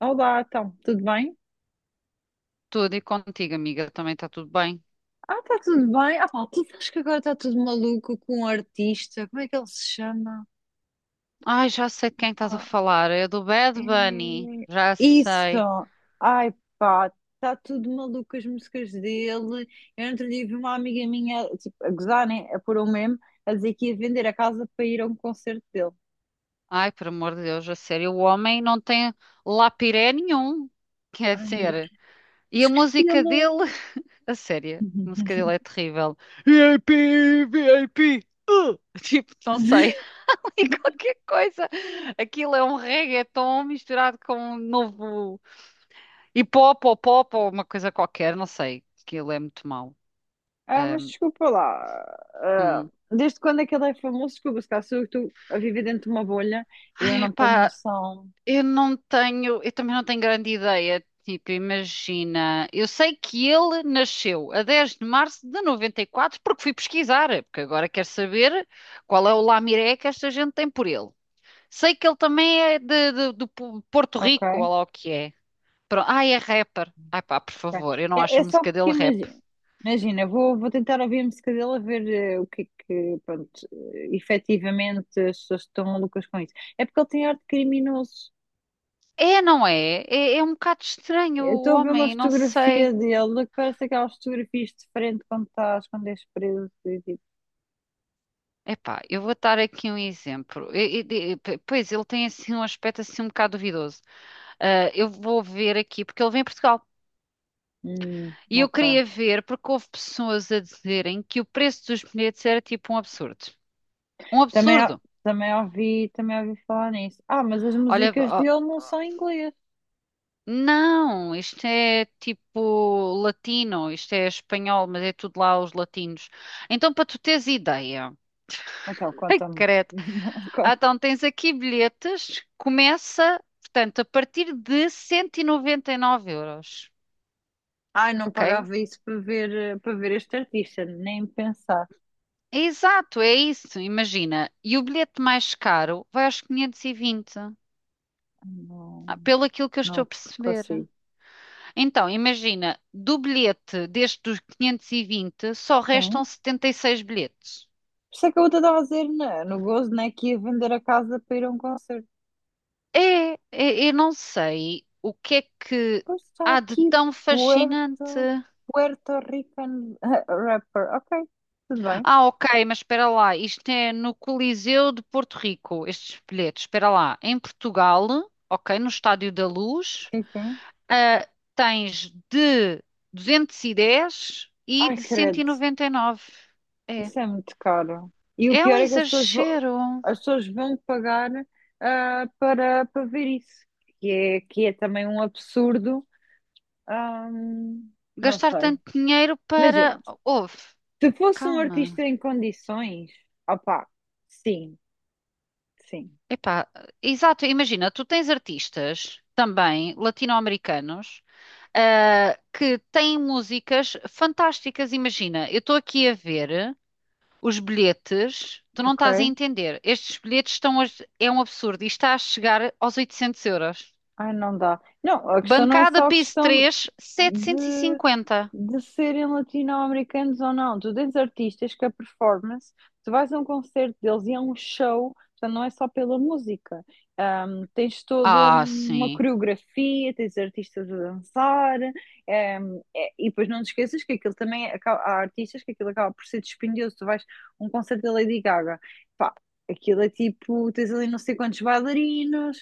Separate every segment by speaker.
Speaker 1: Olá, então, tudo bem?
Speaker 2: Tudo e contigo, amiga, também está tudo bem.
Speaker 1: Ah, está tudo bem. Ah, pá, tu sabes que agora está tudo maluco com um artista. Como é que ele se chama?
Speaker 2: Ai, já sei de quem estás a
Speaker 1: Pá,
Speaker 2: falar. É do Bad Bunny.
Speaker 1: é-
Speaker 2: Já
Speaker 1: Isso!
Speaker 2: sei.
Speaker 1: Ai, pá, está tudo maluco as músicas dele. Eu outro dia vi uma amiga minha, tipo, a gozar, né? A pôr um meme, a dizer que ia vender a casa para ir a um concerto dele.
Speaker 2: Ai, por amor de Deus, a sério, o homem não tem lapiré nenhum. Quer
Speaker 1: Ai, meu Deus,
Speaker 2: dizer, e a música dele,
Speaker 1: esqueci-lo.
Speaker 2: a sério, a música dele é terrível. VIP, VIP. Tipo, não sei, ali qualquer coisa. Aquilo é um reggaeton misturado com um novo hip hop ou pop ou uma coisa qualquer, não sei. Aquilo é muito mau.
Speaker 1: Ah, mas desculpa lá. Ah, desde quando é que ele é famoso? Desculpa, se calhar sou eu que estou a viver dentro de uma bolha e eu
Speaker 2: Ai,
Speaker 1: não tenho
Speaker 2: epá,
Speaker 1: noção.
Speaker 2: eu também não tenho grande ideia. Tipo, imagina, eu sei que ele nasceu a 10 de março de 94 porque fui pesquisar, porque agora quero saber qual é o lamiré que esta gente tem por ele. Sei que ele também é do Porto Rico,
Speaker 1: Ok?
Speaker 2: ou lá o que é. Pronto. Ai, é rapper. Ai pá, por
Speaker 1: Ok.
Speaker 2: favor, eu não
Speaker 1: É,
Speaker 2: acho a
Speaker 1: é só
Speaker 2: música
Speaker 1: porque
Speaker 2: dele rap.
Speaker 1: imagina. Imagina, vou tentar ouvir a música dele a ver, o que é que, pronto, efetivamente as pessoas estão malucas com isso. É porque ele tem arte criminoso.
Speaker 2: É, não é? É, é um bocado estranho
Speaker 1: Eu
Speaker 2: o
Speaker 1: estou a ver uma
Speaker 2: homem, não
Speaker 1: fotografia
Speaker 2: sei.
Speaker 1: dele que parece aquelas fotografias de frente quando és preso. E, tipo,
Speaker 2: Epá, eu vou dar aqui um exemplo. Pois, ele tem assim um aspecto assim um bocado duvidoso. Ah, eu vou ver aqui, porque ele vem a Portugal. E eu
Speaker 1: ok.
Speaker 2: queria ver, porque houve pessoas a dizerem que o preço dos bilhetes era tipo um absurdo. Um
Speaker 1: Também,
Speaker 2: absurdo!
Speaker 1: também ouvi falar nisso. Ah, mas as
Speaker 2: Olha,
Speaker 1: músicas
Speaker 2: ó,
Speaker 1: dele não são em inglês.
Speaker 2: não, isto é tipo latino, isto é espanhol, mas é tudo lá os latinos. Então, para tu teres ideia,
Speaker 1: Então,
Speaker 2: ai,
Speaker 1: conta-me.
Speaker 2: credo.
Speaker 1: Não,
Speaker 2: Ah,
Speaker 1: conta.
Speaker 2: então tens aqui bilhetes, começa, portanto, a partir de 199 euros,
Speaker 1: Ai, não
Speaker 2: ok?
Speaker 1: pagava isso para para ver este artista, nem pensar.
Speaker 2: É Exato, é isso, imagina. E o bilhete mais caro vai aos 520,
Speaker 1: Não,
Speaker 2: ah, pelo aquilo que eu estou
Speaker 1: não
Speaker 2: a perceber.
Speaker 1: consigo.
Speaker 2: Então, imagina, do bilhete deste dos 520, só restam
Speaker 1: Sim.
Speaker 2: 76 bilhetes.
Speaker 1: Por isso é que eu estava a dizer, né, no gozo, né, que ia vender a casa para ir a um concerto.
Speaker 2: É, é- eu não sei o que é que
Speaker 1: Pois está
Speaker 2: há de
Speaker 1: aqui,
Speaker 2: tão fascinante.
Speaker 1: Puerto, Puerto Rican rapper. Ok, tudo bem.
Speaker 2: Ah, ok, mas espera lá, isto é no Coliseu de Porto Rico, estes bilhetes, espera lá, em Portugal, ok, no Estádio da Luz,
Speaker 1: Sim, sim.
Speaker 2: ah, tens de 210 e dez e
Speaker 1: Ai,
Speaker 2: de
Speaker 1: credo.
Speaker 2: 199. É,
Speaker 1: Isso é muito caro. E o
Speaker 2: é um
Speaker 1: pior é que as pessoas,
Speaker 2: exagero
Speaker 1: as pessoas vão pagar, para ver isso, que é também um absurdo. Ahm, não
Speaker 2: gastar
Speaker 1: sei.
Speaker 2: tanto dinheiro para...
Speaker 1: Imagina,
Speaker 2: Ouve,
Speaker 1: se fosse um
Speaker 2: calma,
Speaker 1: artista em condições, opá, sim, sim,
Speaker 2: epá, exato, imagina, tu tens artistas também latino-americanos ah, que têm músicas fantásticas. Imagina, eu estou aqui a ver os bilhetes, tu não
Speaker 1: ok.
Speaker 2: estás a entender. Estes bilhetes estão a, É um absurdo e está a chegar aos 800 euros.
Speaker 1: Ai, não dá. Não, a questão não é
Speaker 2: Bancada
Speaker 1: só a
Speaker 2: piso
Speaker 1: questão
Speaker 2: três,
Speaker 1: de.
Speaker 2: 750.
Speaker 1: de serem latino-americanos ou não. Tu tens artistas que a performance, tu vais a um concerto deles e é um show, portanto não é só pela música. Tens toda
Speaker 2: Ah,
Speaker 1: uma
Speaker 2: sim.
Speaker 1: coreografia, tens artistas a dançar, e depois não te esqueças que aquilo também, há artistas que aquilo acaba por ser dispendioso. Tu vais a um concerto da Lady Gaga, pá, aquilo é tipo, tens ali não sei quantos bailarinos,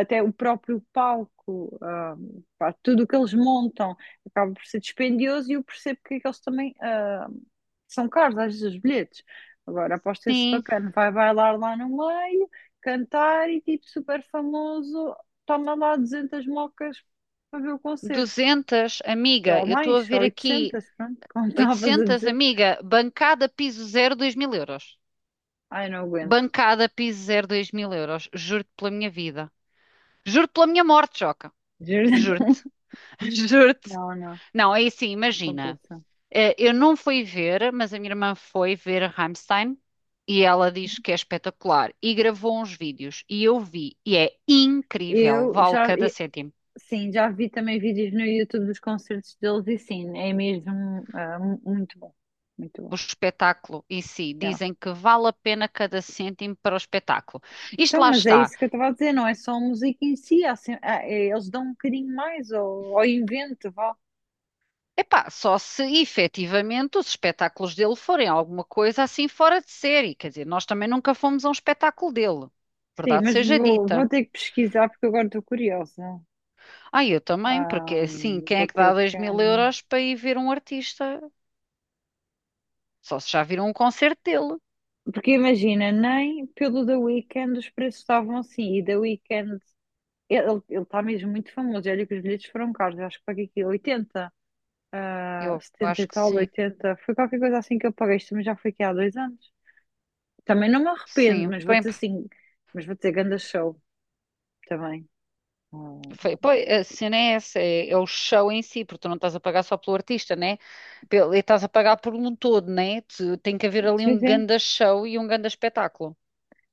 Speaker 1: até o próprio palco, pá, tudo o que eles montam acaba por ser dispendioso e eu percebo porque é que eles também, são caros, às vezes, os bilhetes. Agora, aposto esse
Speaker 2: Sim,
Speaker 1: bacana, vai bailar lá no meio, cantar e tipo super famoso, toma lá 200 mocas para ver o concerto,
Speaker 2: 200, amiga.
Speaker 1: ou
Speaker 2: Eu estou
Speaker 1: mais,
Speaker 2: a
Speaker 1: ou
Speaker 2: ver aqui
Speaker 1: 800, pronto, como estavas a
Speaker 2: 800,
Speaker 1: dizer.
Speaker 2: amiga. Bancada piso zero, 2000 euros.
Speaker 1: Ai, não aguento,
Speaker 2: Bancada piso zero, dois mil euros. Juro-te pela minha vida. Juro-te pela minha morte, Joca.
Speaker 1: juro.
Speaker 2: Juro-te. Juro-te.
Speaker 1: Não, não, não
Speaker 2: Não, é assim, imagina.
Speaker 1: compensa.
Speaker 2: Eu não fui ver, mas a minha irmã foi ver Rammstein e ela diz que é espetacular e gravou uns vídeos e eu vi e é incrível,
Speaker 1: Eu
Speaker 2: vale
Speaker 1: já,
Speaker 2: cada
Speaker 1: e-
Speaker 2: cêntimo.
Speaker 1: sim, já vi também vídeos no YouTube dos concertos deles e sim, é mesmo, muito bom,
Speaker 2: O
Speaker 1: muito
Speaker 2: espetáculo em si,
Speaker 1: bom.
Speaker 2: dizem que vale a pena cada cêntimo para o espetáculo. Isto
Speaker 1: Então,
Speaker 2: lá
Speaker 1: mas é
Speaker 2: está.
Speaker 1: isso que eu estava a dizer, não é só a música em si, há sem- há- é- eles dão um bocadinho mais ao invento, vá.
Speaker 2: Epá, só se efetivamente os espetáculos dele forem alguma coisa assim fora de série. Quer dizer, nós também nunca fomos a um espetáculo dele,
Speaker 1: Sim,
Speaker 2: verdade
Speaker 1: mas
Speaker 2: seja
Speaker 1: vou
Speaker 2: dita.
Speaker 1: ter que pesquisar porque agora estou curiosa.
Speaker 2: Ah, eu também, porque
Speaker 1: Ah,
Speaker 2: é assim, quem
Speaker 1: vou
Speaker 2: é que dá
Speaker 1: ter
Speaker 2: dois mil
Speaker 1: que.
Speaker 2: euros para ir ver um artista? Só se já viram um concerto dele.
Speaker 1: Porque imagina, nem pelo The Weeknd os preços estavam assim, e The Weeknd, ele está mesmo muito famoso, e olha que os bilhetes foram caros, eu acho que paguei aqui 80,
Speaker 2: Eu
Speaker 1: 70
Speaker 2: acho
Speaker 1: e
Speaker 2: que
Speaker 1: tal,
Speaker 2: sim,
Speaker 1: 80, foi qualquer coisa assim que eu paguei, isto também já foi aqui há 2 anos. Também não me arrependo,
Speaker 2: sim. Bem,
Speaker 1: mas vou dizer ganda show. Também. Hum,
Speaker 2: foi, pois, a cena é essa, é, é o show em si, porque tu não estás a pagar só pelo artista, né? Pelo, e estás a pagar por um todo, né? Tem que haver ali
Speaker 1: sim,
Speaker 2: um
Speaker 1: sim.
Speaker 2: ganda show e um ganda espetáculo.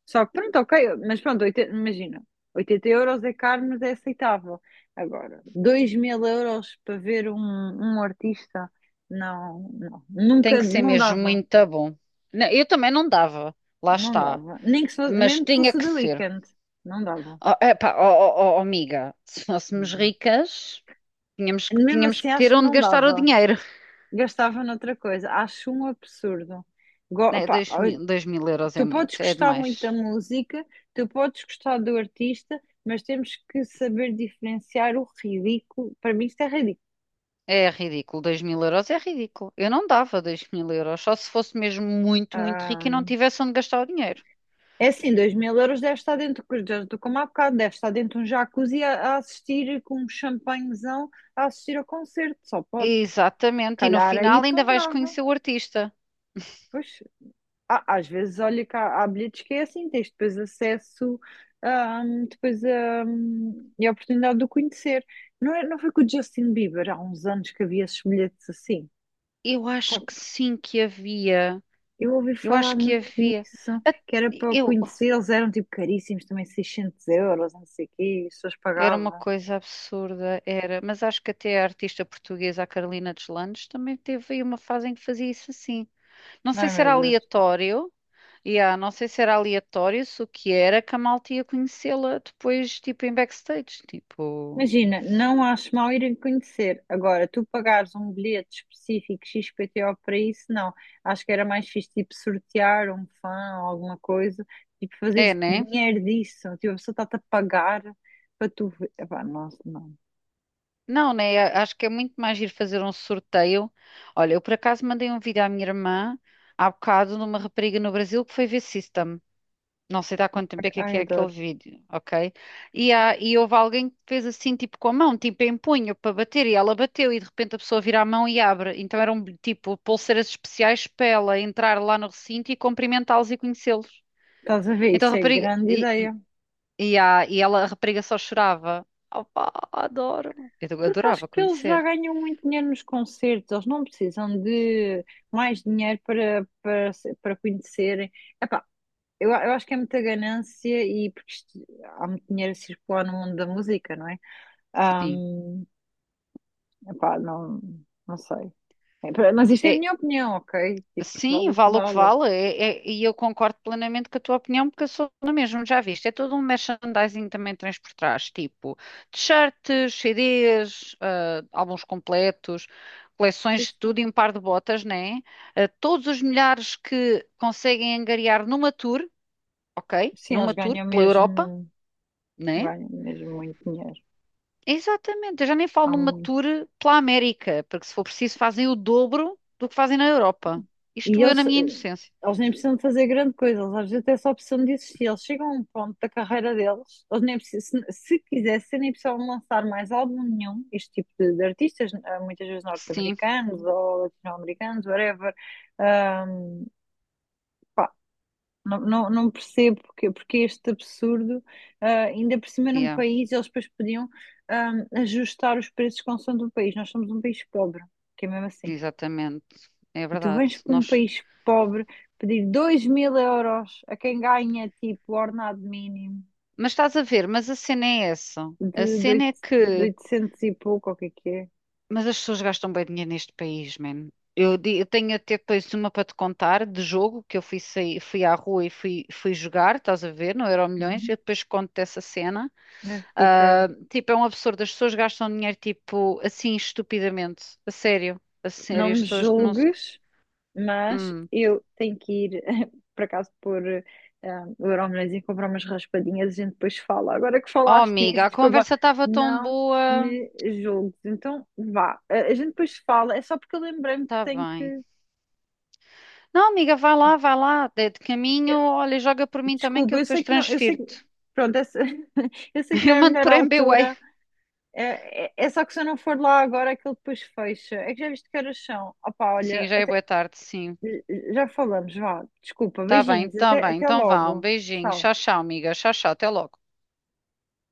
Speaker 1: Só que pronto, ok, mas pronto, 80 imagina, 80 euros é caro, mas é aceitável. Agora, 2000 euros para ver um artista, não, não,
Speaker 2: Tem
Speaker 1: nunca,
Speaker 2: que ser
Speaker 1: não
Speaker 2: mesmo
Speaker 1: dava,
Speaker 2: muito bom. Não, eu também não dava, lá
Speaker 1: não
Speaker 2: está,
Speaker 1: dava. Nem que se fosse,
Speaker 2: mas
Speaker 1: mesmo que
Speaker 2: tinha
Speaker 1: fosse o
Speaker 2: que
Speaker 1: The
Speaker 2: ser.
Speaker 1: Weeknd, não dava.
Speaker 2: Oh, epá, oh, oh, oh, oh, amiga, se fôssemos
Speaker 1: Hum.
Speaker 2: ricas.
Speaker 1: Mesmo
Speaker 2: Tínhamos
Speaker 1: assim,
Speaker 2: que
Speaker 1: acho
Speaker 2: ter
Speaker 1: que
Speaker 2: onde
Speaker 1: não
Speaker 2: gastar o
Speaker 1: dava.
Speaker 2: dinheiro.
Speaker 1: Gastava noutra coisa, acho um absurdo.
Speaker 2: É,
Speaker 1: Pá,
Speaker 2: 2000, 2000 euros é
Speaker 1: tu
Speaker 2: muito,
Speaker 1: podes
Speaker 2: é
Speaker 1: gostar
Speaker 2: demais.
Speaker 1: muito da música, tu podes gostar do artista, mas temos que saber diferenciar o ridículo. Para mim, isto é ridículo.
Speaker 2: É ridículo, 2000 euros é ridículo. Eu não dava 2000 euros, só se fosse mesmo muito, muito rico e não
Speaker 1: Ah,
Speaker 2: tivesse onde gastar o dinheiro.
Speaker 1: é assim, 2000 euros deve estar dentro, já estou como há bocado, deve estar dentro de um jacuzzi a assistir com um champanhezão a assistir ao concerto, só pode.
Speaker 2: Exatamente, e no
Speaker 1: Calhar aí
Speaker 2: final ainda vais
Speaker 1: ponderava.
Speaker 2: conhecer o artista.
Speaker 1: Pois. Ah, às vezes, olha que há bilhetes que é assim, tens depois acesso, depois, e a oportunidade de o conhecer. Não, é, não foi com o Justin Bieber há uns anos que havia esses bilhetes assim?
Speaker 2: Eu acho
Speaker 1: Com-
Speaker 2: que sim que havia.
Speaker 1: Eu ouvi
Speaker 2: Eu
Speaker 1: falar
Speaker 2: acho que
Speaker 1: muito
Speaker 2: havia.
Speaker 1: nisso, que era para o
Speaker 2: Eu
Speaker 1: conhecer, eles eram tipo caríssimos, também 600 euros, não sei o quê, e as pessoas
Speaker 2: era uma
Speaker 1: pagavam.
Speaker 2: coisa absurda, era, mas acho que até a artista portuguesa, a Carolina Deslandes, também teve aí uma fase em que fazia isso assim. Não sei
Speaker 1: Ai,
Speaker 2: se era
Speaker 1: meu Deus.
Speaker 2: aleatório. Yeah, não sei se era aleatório, se o que era, que a malta ia conhecê-la depois, tipo, em backstage. Tipo,
Speaker 1: Imagina, não acho mal irem conhecer. Agora, tu pagares um bilhete específico XPTO para isso, não. Acho que era mais fixe, tipo, sortear um fã ou alguma coisa, tipo, fazer
Speaker 2: é, né?
Speaker 1: dinheiro disso. Tipo, a pessoa está-te a pagar para tu ver. Epá, nossa, não.
Speaker 2: Não, né? Acho que é muito mais giro fazer um sorteio. Olha, eu por acaso mandei um vídeo à minha irmã há bocado de uma rapariga no Brasil que foi ver System. Não sei de há quanto tempo é que
Speaker 1: Ai,
Speaker 2: é aquele
Speaker 1: adoro.
Speaker 2: vídeo, ok? E, há, e houve alguém que fez assim, tipo, com a mão, tipo, em punho, para bater, e ela bateu, e de repente a pessoa vira a mão e abre. Então eram, tipo, pulseiras especiais para ela entrar lá no recinto e cumprimentá-los e conhecê-los.
Speaker 1: Estás a ver?
Speaker 2: Então a
Speaker 1: Isso é
Speaker 2: rapariga.
Speaker 1: grande ideia.
Speaker 2: E ela, a rapariga só chorava. Opá, adoro.
Speaker 1: Porque acho
Speaker 2: Adorava
Speaker 1: que eles já
Speaker 2: conhecer.
Speaker 1: ganham muito dinheiro nos concertos, eles não precisam de mais dinheiro para, para, se- para conhecerem. Eu acho que é muita ganância e porque há muito dinheiro a circular no mundo da música, não é?
Speaker 2: Sim.
Speaker 1: Ahm, Epá, não, não sei. É, mas isto é a
Speaker 2: É,
Speaker 1: minha opinião, ok? Tipo, vale
Speaker 2: sim,
Speaker 1: o que
Speaker 2: vale o que
Speaker 1: vale.
Speaker 2: vale. E eu concordo plenamente com a tua opinião, porque eu sou na mesma, já viste. É todo um merchandising também tens por trás, tipo t-shirts, CDs, ah, álbuns completos, coleções
Speaker 1: Sim,
Speaker 2: de
Speaker 1: sim.
Speaker 2: tudo e um par de botas, né? Ah, todos os milhares que conseguem angariar numa tour, ok?
Speaker 1: Sim,
Speaker 2: Numa
Speaker 1: eles
Speaker 2: tour pela Europa, né?
Speaker 1: ganham mesmo muito dinheiro.
Speaker 2: Exatamente, eu já nem falo
Speaker 1: Há
Speaker 2: numa
Speaker 1: muito.
Speaker 2: tour pela América, porque se for preciso fazem o dobro do que fazem na Europa.
Speaker 1: E
Speaker 2: Isto eu na
Speaker 1: eles, eh,
Speaker 2: minha inocência.
Speaker 1: eles nem precisam de fazer grande coisa, eles às vezes até só precisam de existir. Eles chegam a um ponto da carreira deles, eles nem precisam, se quisessem, nem precisavam lançar mais álbum nenhum. Este tipo de artistas, muitas vezes
Speaker 2: Sim,
Speaker 1: norte-americanos ou latino-americanos, whatever. Ahm, Pá, não, não, não percebo porque, este absurdo, ainda por cima num
Speaker 2: yeah,
Speaker 1: país, eles depois podiam, ajustar os preços consoante o país. Nós somos um país pobre, que é mesmo assim.
Speaker 2: exatamente, é
Speaker 1: E tu
Speaker 2: verdade.
Speaker 1: vens para um
Speaker 2: Nós...
Speaker 1: país pobre pedir 2000 euros a quem ganha tipo ordenado mínimo
Speaker 2: Mas estás a ver, mas a cena é essa. A
Speaker 1: de, de
Speaker 2: cena é
Speaker 1: oito- de
Speaker 2: que.
Speaker 1: 800 e pouco, ou o que é que é?
Speaker 2: Mas as pessoas gastam bem dinheiro neste país, man. Eu tenho até depois uma para te contar de jogo que eu fui, sair, fui à rua e fui, fui jogar, estás a ver, no Euromilhões.
Speaker 1: Uhum.
Speaker 2: Eu depois conto dessa cena.
Speaker 1: É, fica.
Speaker 2: Ah, tipo, é um absurdo. As pessoas gastam dinheiro, tipo, assim, estupidamente. A sério. A sério.
Speaker 1: Não
Speaker 2: As
Speaker 1: me
Speaker 2: pessoas não se.
Speaker 1: julgues, mas
Speaker 2: Hum.
Speaker 1: eu tenho que ir, por acaso, o Euromilhões e comprar umas raspadinhas, a gente depois fala. Agora que
Speaker 2: Oh,
Speaker 1: falaste nisso,
Speaker 2: amiga, a
Speaker 1: desculpa,
Speaker 2: conversa estava tão
Speaker 1: não
Speaker 2: boa.
Speaker 1: me julgues. Então vá, a gente depois fala, é só porque eu lembrei-me que
Speaker 2: Tá
Speaker 1: tenho
Speaker 2: bem.
Speaker 1: que.
Speaker 2: Não, amiga, vai lá, vai lá. De caminho, olha, joga por mim também que
Speaker 1: Desculpa,
Speaker 2: eu
Speaker 1: eu
Speaker 2: depois
Speaker 1: sei que não, eu sei que,
Speaker 2: transfiro-te.
Speaker 1: pronto, eu sei que não
Speaker 2: Eu
Speaker 1: é a
Speaker 2: mando
Speaker 1: melhor
Speaker 2: por MBWay.
Speaker 1: altura, é só que se eu não for lá agora, aquilo depois fecha. É que já viste que horas são? Opá, olha,
Speaker 2: Sim, já é boa tarde, sim.
Speaker 1: já falamos, vá, desculpa,
Speaker 2: Tá bem,
Speaker 1: beijinhos,
Speaker 2: tá
Speaker 1: até,
Speaker 2: bem.
Speaker 1: até
Speaker 2: Então vá, um
Speaker 1: logo,
Speaker 2: beijinho.
Speaker 1: tchau.
Speaker 2: Tchau, tchau, amiga. Tchau, tchau. Até logo.